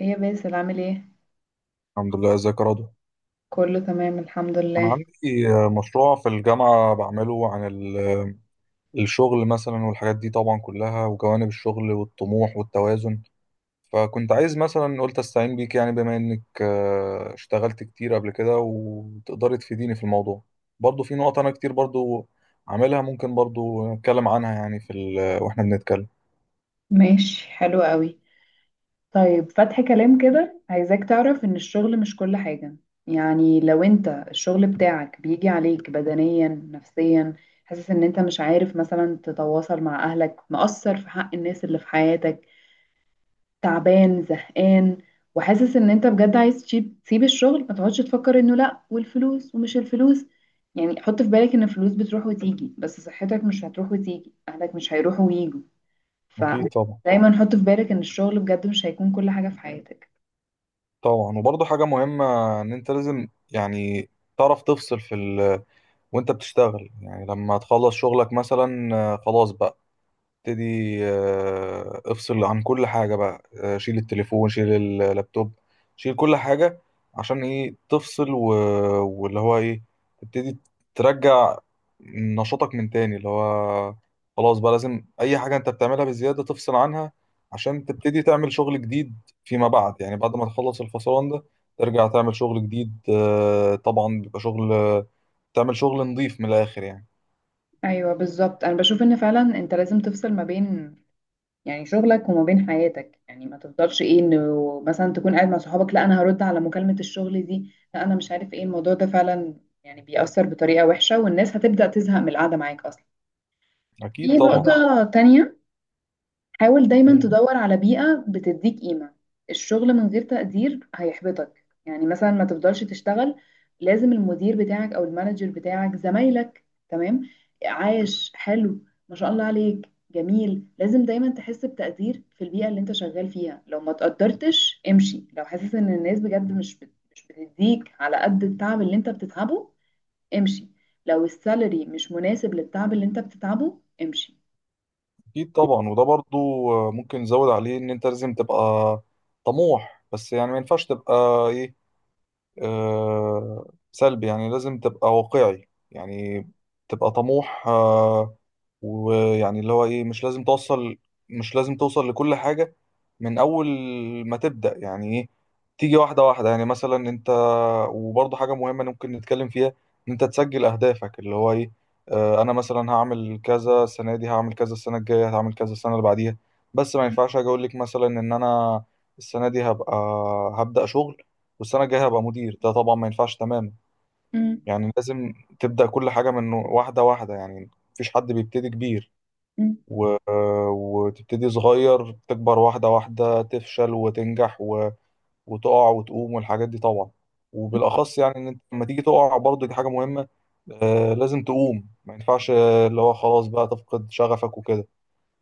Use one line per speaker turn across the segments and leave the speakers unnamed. ايه يا باسل، عامل ايه؟
الحمد لله. ازيك يا رضوى؟
كله تمام، الحمد
انا
لله.
عندي مشروع في الجامعه بعمله عن الشغل مثلا، والحاجات دي طبعا كلها، وجوانب الشغل والطموح والتوازن. فكنت عايز مثلا، قلت استعين بيك يعني، بما انك اشتغلت كتير قبل كده، وتقدري تفيديني في الموضوع. برضو في نقط انا كتير برضو عاملها، ممكن برضو نتكلم عنها يعني واحنا بنتكلم.
ماشي، حلو قوي. طيب، فتح كلام كده، عايزاك تعرف ان الشغل مش كل حاجة. يعني لو انت الشغل بتاعك بيجي عليك بدنيا نفسيا، حاسس ان انت مش عارف مثلا تتواصل مع اهلك، مقصر في حق الناس اللي في حياتك، تعبان، زهقان، وحاسس ان انت بجد عايز تسيب الشغل ما تقعدش تفكر انه لا والفلوس ومش الفلوس. يعني حط في بالك ان الفلوس بتروح وتيجي، بس صحتك مش هتروح وتيجي، اهلك مش هيروحوا ويجوا.
اكيد طبعا.
فدايما حط في بالك ان الشغل بجد مش هيكون كل حاجة في حياتك.
طبعا. وبرضو حاجه مهمه، ان انت لازم يعني تعرف تفصل في وانت بتشتغل. يعني لما تخلص شغلك مثلا، خلاص بقى ابتدي، افصل عن كل حاجة بقى، شيل التليفون، شيل اللابتوب، شيل كل حاجة. عشان ايه؟ تفصل واللي هو ايه، تبتدي ترجع نشاطك من تاني، اللي هو خلاص بقى لازم اي حاجة انت بتعملها بزيادة تفصل عنها عشان تبتدي تعمل شغل جديد فيما بعد. يعني بعد ما تخلص الفصلان ده، ترجع تعمل شغل جديد. طبعا بيبقى شغل، تعمل شغل نظيف من الآخر يعني.
ايوه، بالظبط. انا بشوف ان فعلا انت لازم تفصل ما بين، يعني شغلك وما بين حياتك. يعني ما تفضلش ايه، انه مثلا تكون قاعد مع صحابك، لا انا هرد على مكالمة الشغل دي، لا انا مش عارف ايه الموضوع ده فعلا. يعني بيأثر بطريقة وحشة، والناس هتبدأ تزهق من القعدة معاك اصلا. في
أكيد
أكيد
طبعا.
نقطة تانية، حاول دايما تدور على بيئة بتديك قيمة. الشغل من غير تقدير هيحبطك، يعني مثلا ما تفضلش تشتغل. لازم المدير بتاعك او المانجر بتاعك، زمايلك تمام، عايش حلو، ما شاء الله عليك جميل. لازم دايما تحس بتقدير في البيئة اللي انت شغال فيها. لو ما تقدرتش امشي، لو حاسس ان الناس بجد مش بتديك على قد التعب اللي انت بتتعبه، امشي. لو السالري مش مناسب للتعب اللي انت بتتعبه، امشي.
اكيد طبعا. وده برضو ممكن نزود عليه، ان انت لازم تبقى طموح، بس يعني ما ينفعش تبقى ايه، سلبي. يعني لازم تبقى واقعي، يعني تبقى طموح. ويعني اللي هو ايه، مش لازم توصل، لكل حاجة من أول ما تبدأ. يعني ايه؟ تيجي واحدة واحدة. يعني مثلا انت، وبرضه حاجة مهمة ممكن نتكلم فيها، ان انت تسجل أهدافك. اللي هو ايه، انا مثلا هعمل كذا السنة دي، هعمل كذا السنة الجاية، هعمل كذا السنة اللي بعديها. بس ما ينفعش اجي اقول لك مثلا ان انا السنة دي هبدأ شغل، والسنة الجاية هبقى مدير. ده طبعا ما ينفعش تماما.
مم.
يعني لازم تبدأ كل حاجة من واحدة واحدة. يعني مفيش حد بيبتدي كبير،
مم.
و... وتبتدي صغير، تكبر واحدة واحدة، تفشل وتنجح وتقع وتقوم، والحاجات دي طبعا. وبالأخص يعني، إن أنت لما تيجي تقع برضه دي حاجة مهمة. لازم تقوم، ما ينفعش اللي هو خلاص بقى تفقد شغفك وكده.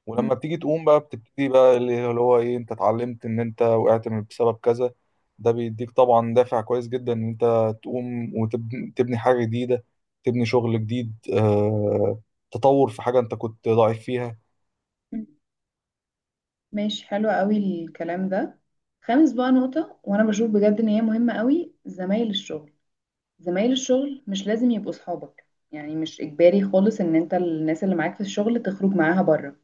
ولما بتيجي تقوم بقى، بتبتدي بقى اللي هو ايه، انت اتعلمت ان انت وقعت من بسبب كذا. ده بيديك طبعا دافع كويس جدا ان انت تقوم وتبني حاجة جديدة، تبني شغل جديد. تطور في حاجة انت كنت ضعيف فيها.
مم. ماشي، حلو قوي الكلام ده. خامس بقى نقطة، وانا بشوف بجد ان هي مهمة قوي، زمايل الشغل. زمايل الشغل مش لازم يبقوا صحابك. يعني مش اجباري خالص ان انت الناس اللي معاك في الشغل تخرج معاها بره،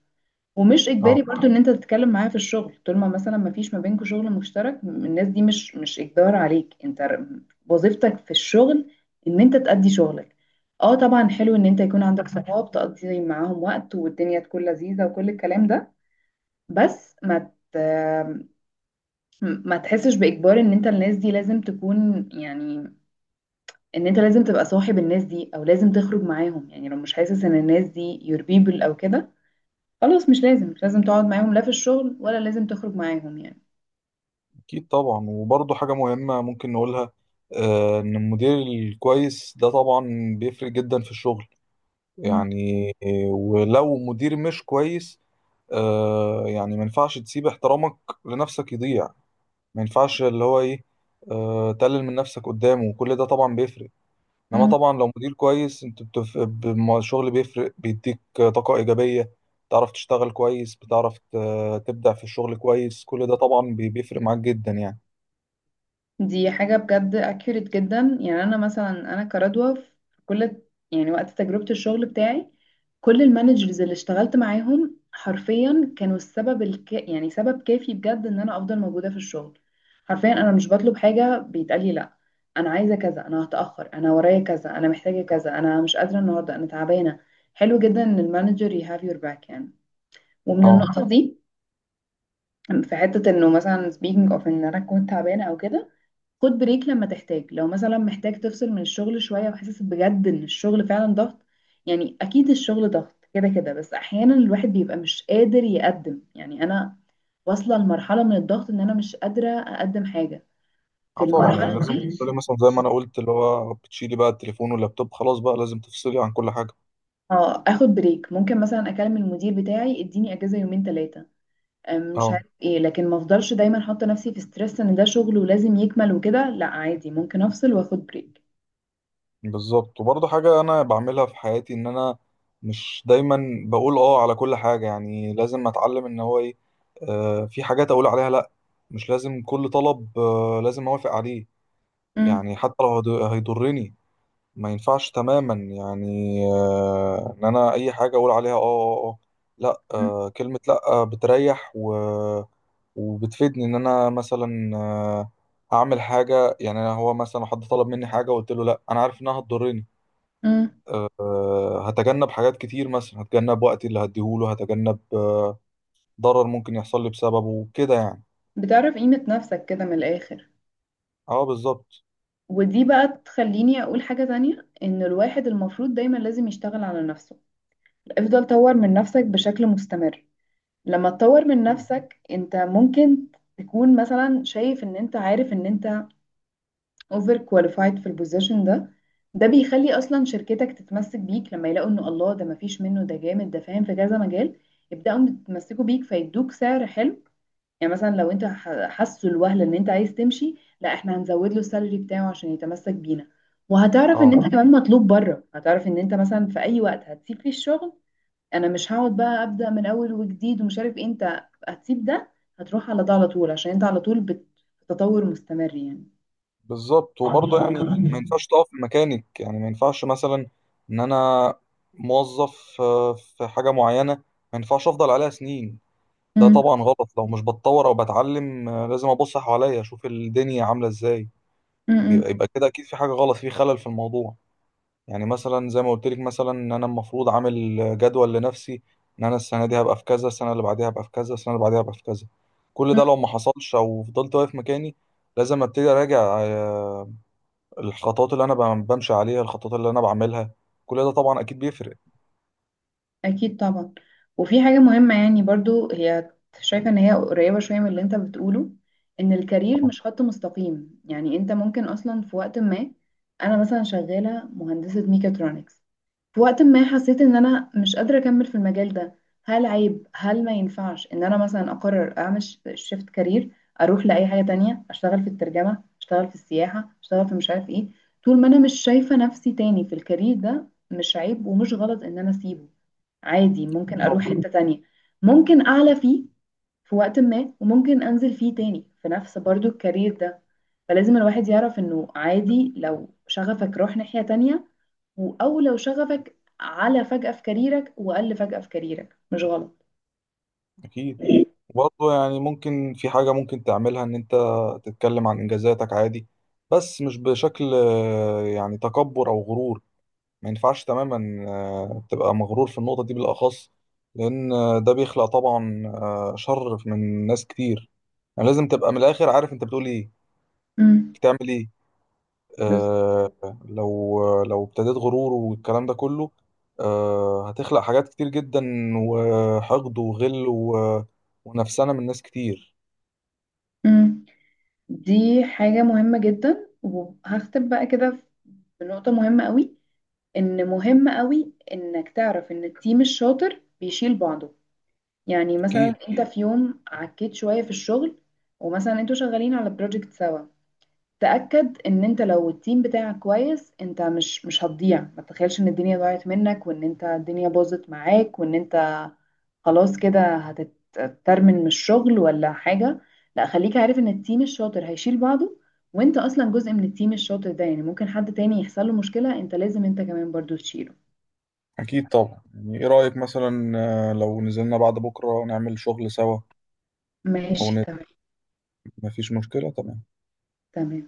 ومش
اه،
اجباري برضو ان انت تتكلم معاها في الشغل طول ما مثلا ما فيش ما بينكم شغل مشترك. الناس دي مش اجبار عليك انت. وظيفتك في الشغل ان انت تأدي شغلك. اه طبعا، حلو ان انت يكون عندك صحاب تقضي معاهم وقت والدنيا تكون لذيذة وكل الكلام ده، بس ما ما تحسش بإجبار ان انت الناس دي لازم تكون، يعني ان انت لازم تبقى صاحب الناس دي او لازم تخرج معاهم. يعني لو مش حاسس ان الناس دي your people او كده، خلاص، مش لازم تقعد معاهم لا في الشغل ولا لازم تخرج معاهم يعني.
اكيد طبعا. وبرضه حاجة مهمة ممكن نقولها، ان المدير الكويس ده طبعا بيفرق جدا في الشغل. يعني ولو مدير مش كويس، يعني ما ينفعش تسيب احترامك لنفسك يضيع. ما ينفعش اللي هو ايه، تقلل من نفسك قدامه، وكل ده طبعا بيفرق. انما
م-
طبعا لو مدير كويس، انت الشغل بيفرق، بيديك طاقة إيجابية، بتعرف تشتغل كويس، بتعرف تبدع في الشغل كويس. كل ده طبعا بيفرق معاك جدا يعني.
دي حاجة بجد accurate جدا. يعني أنا مثلا، أنا كردوة في كل، يعني وقت تجربة الشغل بتاعي، كل المانجرز اللي اشتغلت معاهم حرفيا كانوا السبب يعني سبب كافي بجد إن أنا أفضل موجودة في الشغل. حرفيا أنا مش بطلب حاجة بيتقالي لأ. أنا عايزة كذا، أنا هتأخر، أنا ورايا كذا، أنا محتاجة كذا، أنا مش قادرة النهاردة، أنا تعبانة. حلو جدا إن المانجر you have your back يعني. ومن
اه،
النقطة دي في حتة، إنه مثلا speaking of إن أنا كنت تعبانة أو كده، خد بريك لما تحتاج. لو مثلا محتاج تفصل من الشغل شوية وحاسس بجد ان الشغل فعلا ضغط، يعني اكيد الشغل ضغط كده كده، بس احيانا الواحد بيبقى مش قادر يقدم. يعني انا واصلة لمرحلة من الضغط ان انا مش قادرة اقدم حاجة في
اه، طبعا. يعني
المرحلة
لازم تفصلي
دي.
مثلا زي ما انا قلت، اللي هو بتشيلي بقى التليفون واللابتوب، خلاص بقى لازم تفصلي عن كل حاجة.
اه، اخد بريك. ممكن مثلا اكلم المدير بتاعي اديني اجازة يومين 3، مش
اه،
عارف ايه. لكن ما افضلش دايما حاطة نفسي في ستريس ان ده شغل ولازم يكمل وكده. لا، عادي ممكن افصل واخد
بالظبط. وبرضه حاجة أنا بعملها في حياتي، إن أنا مش دايما بقول آه على كل حاجة. يعني لازم أتعلم إن هو إيه، في حاجات أقول عليها لأ. مش لازم كل طلب آه لازم أوافق عليه. يعني حتى لو هيضرني، ما ينفعش تماما يعني. إن أنا أي حاجة أقول عليها آه، آه، آه، لأ. كلمة لأ بتريح و وبتفيدني. إن أنا مثلا أعمل حاجة. يعني أنا، هو مثلا، حد طلب مني حاجة وقلت له لأ، أنا عارف إنها هتضرني.
بريك.
هتجنب حاجات كتير، مثلا هتجنب وقتي اللي هديهوله، هتجنب ضرر ممكن يحصل لي بسببه كده يعني.
بتعرف قيمة نفسك كده من الآخر.
اه، بالظبط.
ودي بقى تخليني أقول حاجة تانية، إن الواحد المفروض دايما لازم يشتغل على نفسه. افضل طور من نفسك بشكل مستمر. لما تطور من
أكيد.
نفسك انت ممكن تكون مثلا شايف ان انت، عارف ان انت اوفر كواليفايد في البوزيشن ده، ده بيخلي اصلا شركتك تتمسك بيك لما يلاقوا ان الله ده مفيش منه، ده جامد، ده فاهم في كذا مجال، يبدأوا يتمسكوا بيك، فيدوك سعر حلو. يعني مثلا لو انت حاسه الوهله ان انت عايز تمشي، لا احنا هنزود له السالري بتاعه عشان يتمسك بينا. وهتعرف ان
اه،
انت كمان مطلوب بره، هتعرف ان انت مثلا في اي وقت هتسيب فيه الشغل، انا مش هقعد بقى ابدا من اول وجديد ومش عارف ايه. انت هتسيب ده هتروح على ده على طول، عشان انت على طول بتتطور مستمر يعني.
بالظبط. وبرضه يعني ما ينفعش تقف في مكانك. يعني ما ينفعش مثلا ان انا موظف في حاجة معينة، ما ينفعش افضل عليها سنين. ده
مم.
طبعا غلط. لو مش بتطور او بتعلم، لازم ابص حواليا اشوف الدنيا عاملة ازاي.
مم.
بيبقى
مم.
يبقى كده اكيد في حاجة غلط، في خلل في الموضوع. يعني مثلا زي ما قلت لك مثلا، ان انا المفروض عامل جدول لنفسي، ان انا السنه دي هبقى في كذا، السنه اللي بعديها هبقى في كذا، السنه اللي بعديها هبقى في كذا. كل ده لو ما حصلش او فضلت واقف مكاني، لازم ابتدي اراجع، الخطوات اللي انا بمشي عليها، الخطوات اللي انا بعملها. كل ده طبعا اكيد بيفرق.
اكيد طبعا. وفي حاجه مهمه يعني برضو، هي شايفه ان هي قريبه شويه من اللي انت بتقوله، ان الكارير
اه،
مش خط مستقيم. يعني انت ممكن اصلا في وقت ما، انا مثلا شغاله مهندسه ميكاترونكس، في وقت ما حسيت ان انا مش قادره اكمل في المجال ده. هل عيب؟ هل ما ينفعش ان انا مثلا اقرر اعمل شيفت كارير، اروح لاي حاجه تانية، اشتغل في الترجمه، اشتغل في السياحه، اشتغل في مش عارف ايه؟ طول ما انا مش شايفه نفسي تاني في الكارير ده، مش عيب ومش غلط ان انا اسيبه. عادي ممكن اروح
طبعا،
حتة تانية. ممكن اعلى فيه في وقت ما، وممكن انزل فيه تاني في نفس برضو الكارير ده. فلازم الواحد يعرف انه عادي، لو شغفك روح ناحية تانية، او لو شغفك على فجأة في كاريرك، وقل فجأة في كاريرك، مش غلط.
اكيد. برضه يعني ممكن في حاجه ممكن تعملها، ان انت تتكلم عن انجازاتك عادي. بس مش بشكل يعني تكبر او غرور. ما ينفعش تماما تبقى مغرور في النقطة دي بالأخص. لأن ده بيخلق طبعا شر من ناس كتير. يعني لازم تبقى من الآخر عارف أنت بتقول إيه،
مم.
بتعمل إيه. آه لو ابتديت غرور والكلام ده كله، هتخلق حاجات كتير جدا، وحقد وغل ونفسنا من ناس كتير.
مم. دي حاجة مهمة جدا، وهختم بقى كده بنقطة مهمة قوي. ان مهم قوي انك تعرف ان التيم الشاطر بيشيل بعضه. يعني مثلا
أكيد،
انت في يوم عكيت شوية في الشغل، ومثلا انتوا شغالين على بروجكت سوا، تأكد ان انت لو التيم بتاعك كويس انت مش هتضيع. ما تتخيلش ان الدنيا ضاعت منك، وان انت الدنيا باظت معاك، وان انت خلاص كده هتترمن من الشغل ولا حاجة. لا، خليك عارف ان التيم الشاطر هيشيل بعضه، وانت اصلا جزء من التيم الشاطر ده. يعني ممكن حد تاني يحصل له مشكلة، انت لازم انت كمان برضو تشيله.
أكيد طبعا. يعني إيه رأيك مثلا، لو نزلنا بعد بكرة نعمل شغل سوا؟ أو
ماشي،
نت...
تمام.
مفيش مشكلة. تمام.
تمام.